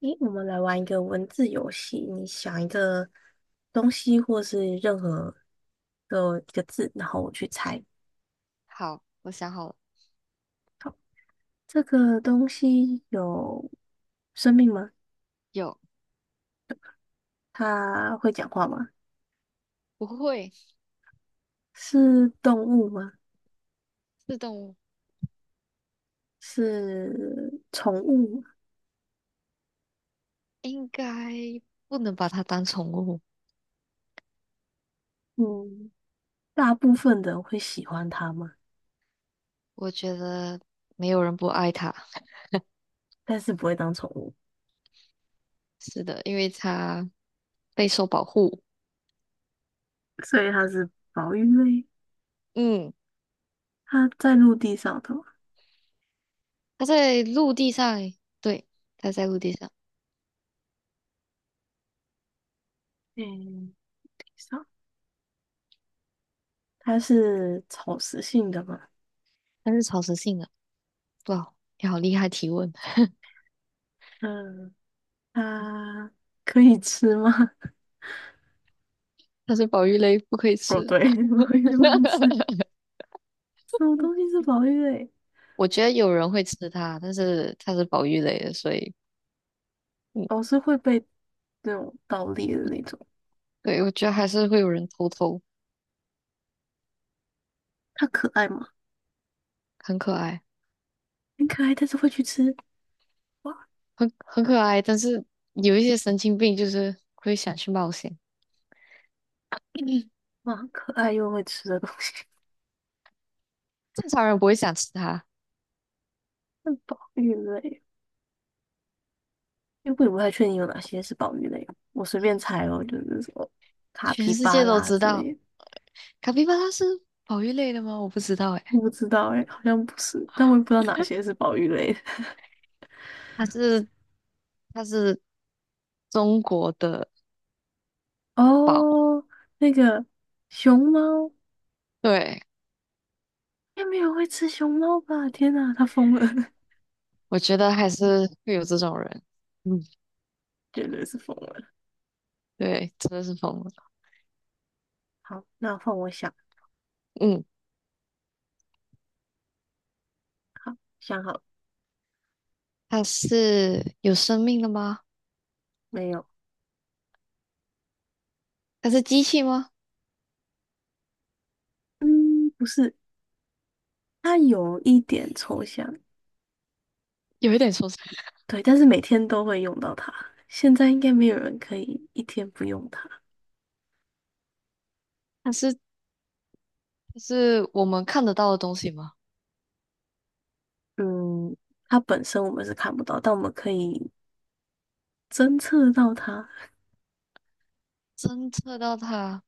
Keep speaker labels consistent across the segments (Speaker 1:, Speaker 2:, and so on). Speaker 1: 诶，我们来玩一个文字游戏。你想一个东西，或是任何的一个字，然后我去猜
Speaker 2: 好，我想好了，
Speaker 1: 这个东西有生命吗？
Speaker 2: 有，
Speaker 1: 它会讲话吗？
Speaker 2: 不会
Speaker 1: 是动物吗？
Speaker 2: 是动物，
Speaker 1: 是宠物吗？
Speaker 2: 应该不能把它当宠物。
Speaker 1: 嗯，大部分的人会喜欢它吗？
Speaker 2: 我觉得没有人不爱它，
Speaker 1: 但是不会当宠物，
Speaker 2: 是的，因为它备受保护。
Speaker 1: 所以它是保育类。
Speaker 2: 嗯，
Speaker 1: 它在陆地上的吗？
Speaker 2: 它在陆地上，对，它在陆地上，
Speaker 1: 嗯，地上。它是草食性的吗？
Speaker 2: 它是草食性的。哇，你好厉害提问，
Speaker 1: 嗯。它可以吃吗？
Speaker 2: 它是保育类，不可以
Speaker 1: 哦，
Speaker 2: 吃。
Speaker 1: 对，宝玉不能吃。什么东西是宝玉类？
Speaker 2: 我觉得有人会吃它，但是它是保育类的，所以嗯，
Speaker 1: 哦，是会被那种盗猎的那种。
Speaker 2: 对，我觉得还是会有人偷偷，
Speaker 1: 它可爱吗？
Speaker 2: 很可爱。
Speaker 1: 很可爱，但是会去吃。哇，
Speaker 2: 很可爱，但是有一些神经病就是会想去冒险，
Speaker 1: 哇，很可爱又会吃的东西。
Speaker 2: 正常人不会想吃它。
Speaker 1: 那宝玉类，因为我也不太确定有哪些是宝玉类，我随便猜哦，就是什么卡皮
Speaker 2: 全世
Speaker 1: 巴
Speaker 2: 界都
Speaker 1: 拉
Speaker 2: 知
Speaker 1: 之
Speaker 2: 道，
Speaker 1: 类的。
Speaker 2: 卡皮巴拉是保育类的吗？我不知道哎，
Speaker 1: 我不知道哎、好像不是，但我也不知道哪些是 宝玉类的。
Speaker 2: 它是它是中国的 宝，
Speaker 1: 哦，那个熊猫。
Speaker 2: 对，
Speaker 1: 应该没有会吃熊猫吧？天哪，他疯了，
Speaker 2: 我觉得还是会有这种人，嗯，
Speaker 1: 绝对是疯了。
Speaker 2: 对，真的是疯了，
Speaker 1: 好，那换我想，
Speaker 2: 嗯，
Speaker 1: 好，想好了
Speaker 2: 它是有生命的吗？
Speaker 1: 没有？
Speaker 2: 它是机器吗？
Speaker 1: 嗯，不是，它有一点抽象，
Speaker 2: 有一点抽象，
Speaker 1: 对，但是每天都会用到它。现在应该没有人可以一天不用它。
Speaker 2: 它是它是我们看得到的东西吗？
Speaker 1: 嗯，它本身我们是看不到，但我们可以侦测到它。
Speaker 2: 侦测到它。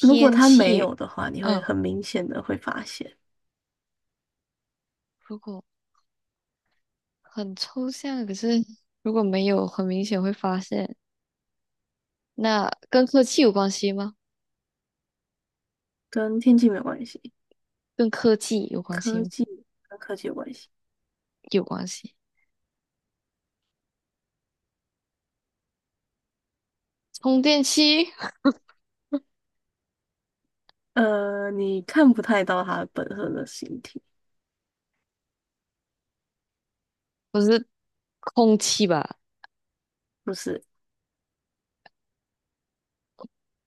Speaker 1: 如果它没
Speaker 2: 气，
Speaker 1: 有的话，你会
Speaker 2: 嗯，
Speaker 1: 很明显的会发现，
Speaker 2: 如果很抽象，可是如果没有很明显会发现，那跟科技有关系吗？
Speaker 1: 跟天气没有关系，
Speaker 2: 跟科技有关系
Speaker 1: 科
Speaker 2: 吗？
Speaker 1: 技跟科技有关系。
Speaker 2: 有关系。充电器
Speaker 1: 你看不太到它本身的形体，
Speaker 2: 不是空气吧？
Speaker 1: 不是，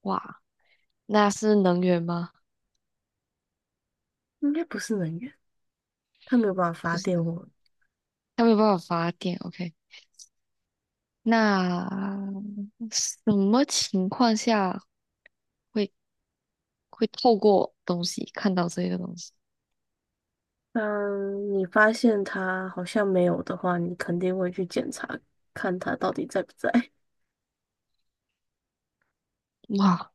Speaker 2: 哇，那是能源吗？
Speaker 1: 应该不是能源，它没有办法
Speaker 2: 不
Speaker 1: 发
Speaker 2: 是
Speaker 1: 电
Speaker 2: 能，
Speaker 1: 哦。
Speaker 2: 它没有办法发电。OK，那什么情况下会会透过东西看到这个东西？
Speaker 1: 当你发现它好像没有的话，你肯定会去检查，看它到底在不在。
Speaker 2: 哇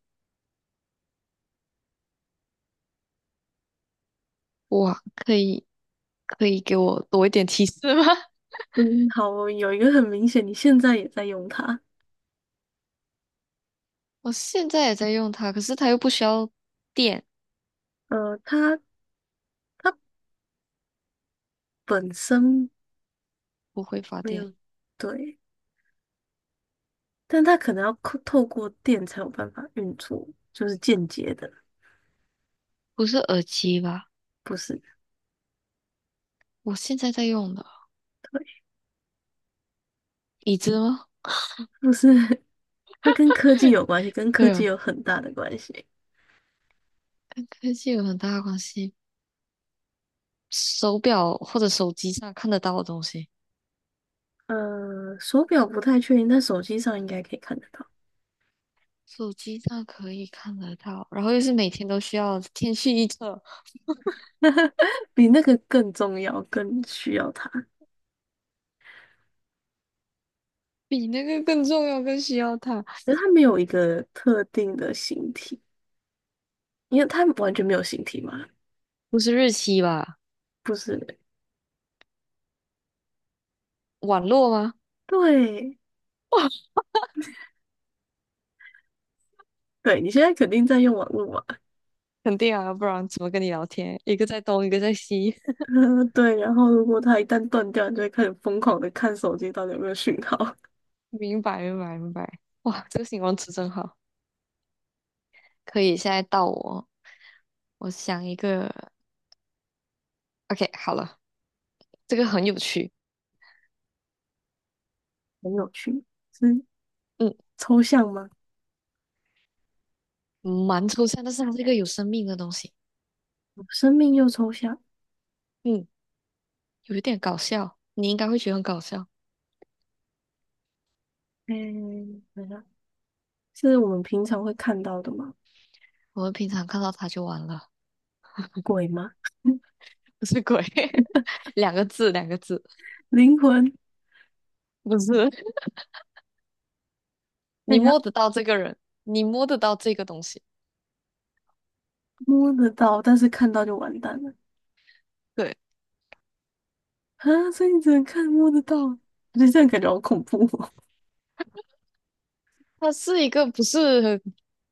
Speaker 2: 可以给我多一点提示吗？
Speaker 1: 嗯，好，有一个很明显，你现在也在用它。
Speaker 2: 我现在也在用它，可是它又不需要电，
Speaker 1: 呃，它它本身
Speaker 2: 不会发
Speaker 1: 没
Speaker 2: 电，
Speaker 1: 有，对，但它可能要透过电才有办法运作，就是间接的，
Speaker 2: 不是耳机吧？
Speaker 1: 不是，
Speaker 2: 我现在在用的
Speaker 1: 对，
Speaker 2: 椅子吗？
Speaker 1: 不是，它跟科技 有关系，跟科
Speaker 2: 对
Speaker 1: 技
Speaker 2: 啊，
Speaker 1: 有很大的关系。
Speaker 2: 跟科技有很大的关系。手表或者手机上看得到的东西，
Speaker 1: 手表不太确定，但手机上应该可以看得到，
Speaker 2: 手机上可以看得到，然后又是每天都需要天气预测，
Speaker 1: 比那个更重要，更需要它。
Speaker 2: 比那个更重要，更需要它。
Speaker 1: 可是它没有一个特定的形体，因为它完全没有形体嘛，
Speaker 2: 不是日期吧？
Speaker 1: 不是？
Speaker 2: 网络吗？
Speaker 1: 对，对，你现在肯定在用网络嘛，
Speaker 2: 肯定啊，不然怎么跟你聊天？一个在东，一个在西。
Speaker 1: 对。然后如果它一旦断掉，你就会开始疯狂的看手机到底有没有讯号，
Speaker 2: 明白，明白，明白。哇，这个形容词真好。可以，现在到我，我想一个，OK，好了，这个很有趣，
Speaker 1: 很有趣，是
Speaker 2: 嗯，
Speaker 1: 抽象吗？
Speaker 2: 蛮抽象，但是它是一个有生命的东西，
Speaker 1: 生命又抽象，
Speaker 2: 嗯，有一点搞笑，你应该会觉得很搞笑。
Speaker 1: 嗯，等一下，是我们平常会看到的吗？
Speaker 2: 我们平常看到它就完了，
Speaker 1: 鬼吗？
Speaker 2: 不是鬼，两个字，两个字，
Speaker 1: 灵魂？
Speaker 2: 不是，你摸 得到这个人，你摸得到这个东西，
Speaker 1: 摸得到，但是看到就完蛋了
Speaker 2: 对，
Speaker 1: 啊！所以你只能看摸得到，我觉得这样感觉好恐怖哦。
Speaker 2: 他是一个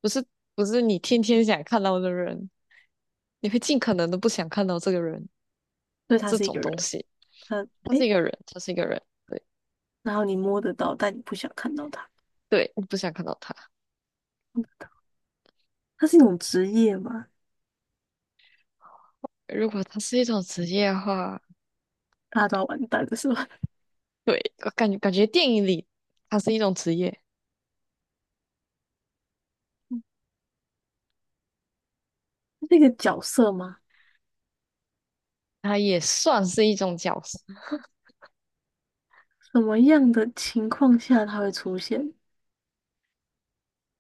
Speaker 2: 不是不是你天天想看到的人，你会尽可能的不想看到这个人，
Speaker 1: 所以他
Speaker 2: 这
Speaker 1: 是一
Speaker 2: 种
Speaker 1: 个
Speaker 2: 东
Speaker 1: 人，
Speaker 2: 西，
Speaker 1: 他
Speaker 2: 他是
Speaker 1: 诶，
Speaker 2: 一个人，他是一个人。对。
Speaker 1: 然后你摸得到，但你不想看到他，
Speaker 2: 对，我不想看到他。
Speaker 1: 他是一种职业吗？
Speaker 2: 如果他是一种职业的话，
Speaker 1: 大家都要完蛋的是吧？
Speaker 2: 对，我感觉电影里他是一种职业，
Speaker 1: 那个角色吗？
Speaker 2: 他也算是一种角色。
Speaker 1: 什么样的情况下他会出现？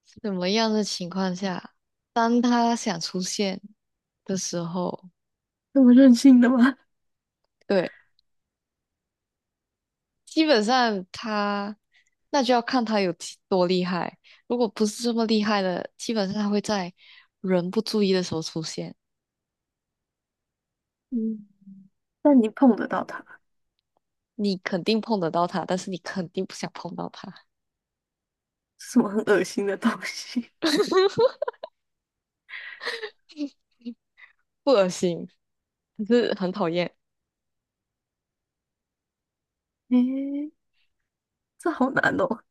Speaker 2: 什么样的情况下，当他想出现的时候，
Speaker 1: 那么任性的吗？
Speaker 2: 对，基本上他那就要看他有几多厉害。如果不是这么厉害的，基本上他会在人不注意的时候出现。
Speaker 1: 嗯，但你碰得到他，
Speaker 2: 你肯定碰得到他，但是你肯定不想碰到他，
Speaker 1: 是什么很恶心的东西？
Speaker 2: 不恶心，可是很讨厌。
Speaker 1: 诶，这好难哦，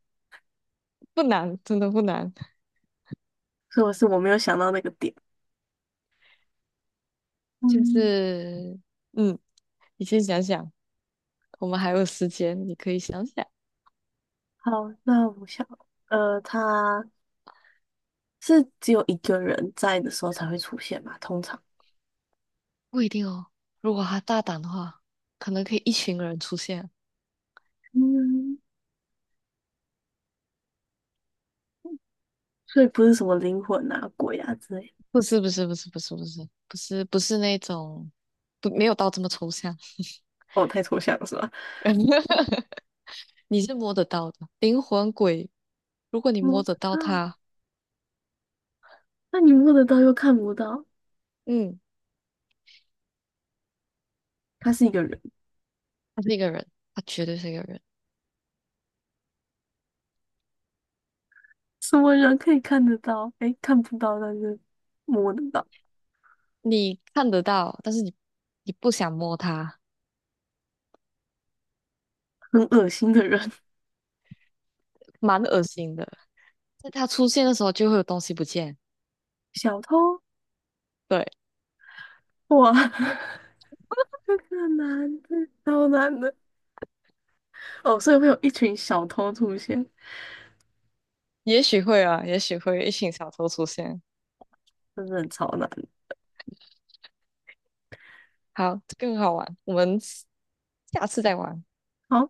Speaker 2: 不难，真的不难。
Speaker 1: 所以我是我没有想到那个点。
Speaker 2: 就
Speaker 1: 嗯，
Speaker 2: 是，嗯，你先想想，我们还有时间，你可以想想。
Speaker 1: 好，那我想。他是只有一个人在的时候才会出现嘛，通常，
Speaker 2: 不一定哦。如果他大胆的话，可能可以一群人出现。
Speaker 1: 嗯，所以不是什么灵魂啊、鬼啊之类的。
Speaker 2: 不是那种，不，没有到这么抽象。
Speaker 1: 哦，太抽象了是吧？
Speaker 2: 你是摸得到的，灵魂鬼，如果你
Speaker 1: 摸
Speaker 2: 摸
Speaker 1: 到，
Speaker 2: 得到他，
Speaker 1: 那你摸得到又看不到，
Speaker 2: 嗯，
Speaker 1: 他是一个人，
Speaker 2: 他是一个人，他绝对是一个人。
Speaker 1: 什么人可以看得到？哎，看不到，但是摸得到，
Speaker 2: 你看得到，但是你不想摸他，
Speaker 1: 很恶心的人，
Speaker 2: 蛮恶心的。在他出现的时候就会有东西不见。
Speaker 1: 小偷，
Speaker 2: 对。
Speaker 1: 哇，这个男的好超难的哦，所以会有一群小偷出现，
Speaker 2: 也许会啊，也许会一群小偷出现。
Speaker 1: 真的很超难。
Speaker 2: 好，这更好玩，我们下次再玩。
Speaker 1: 好，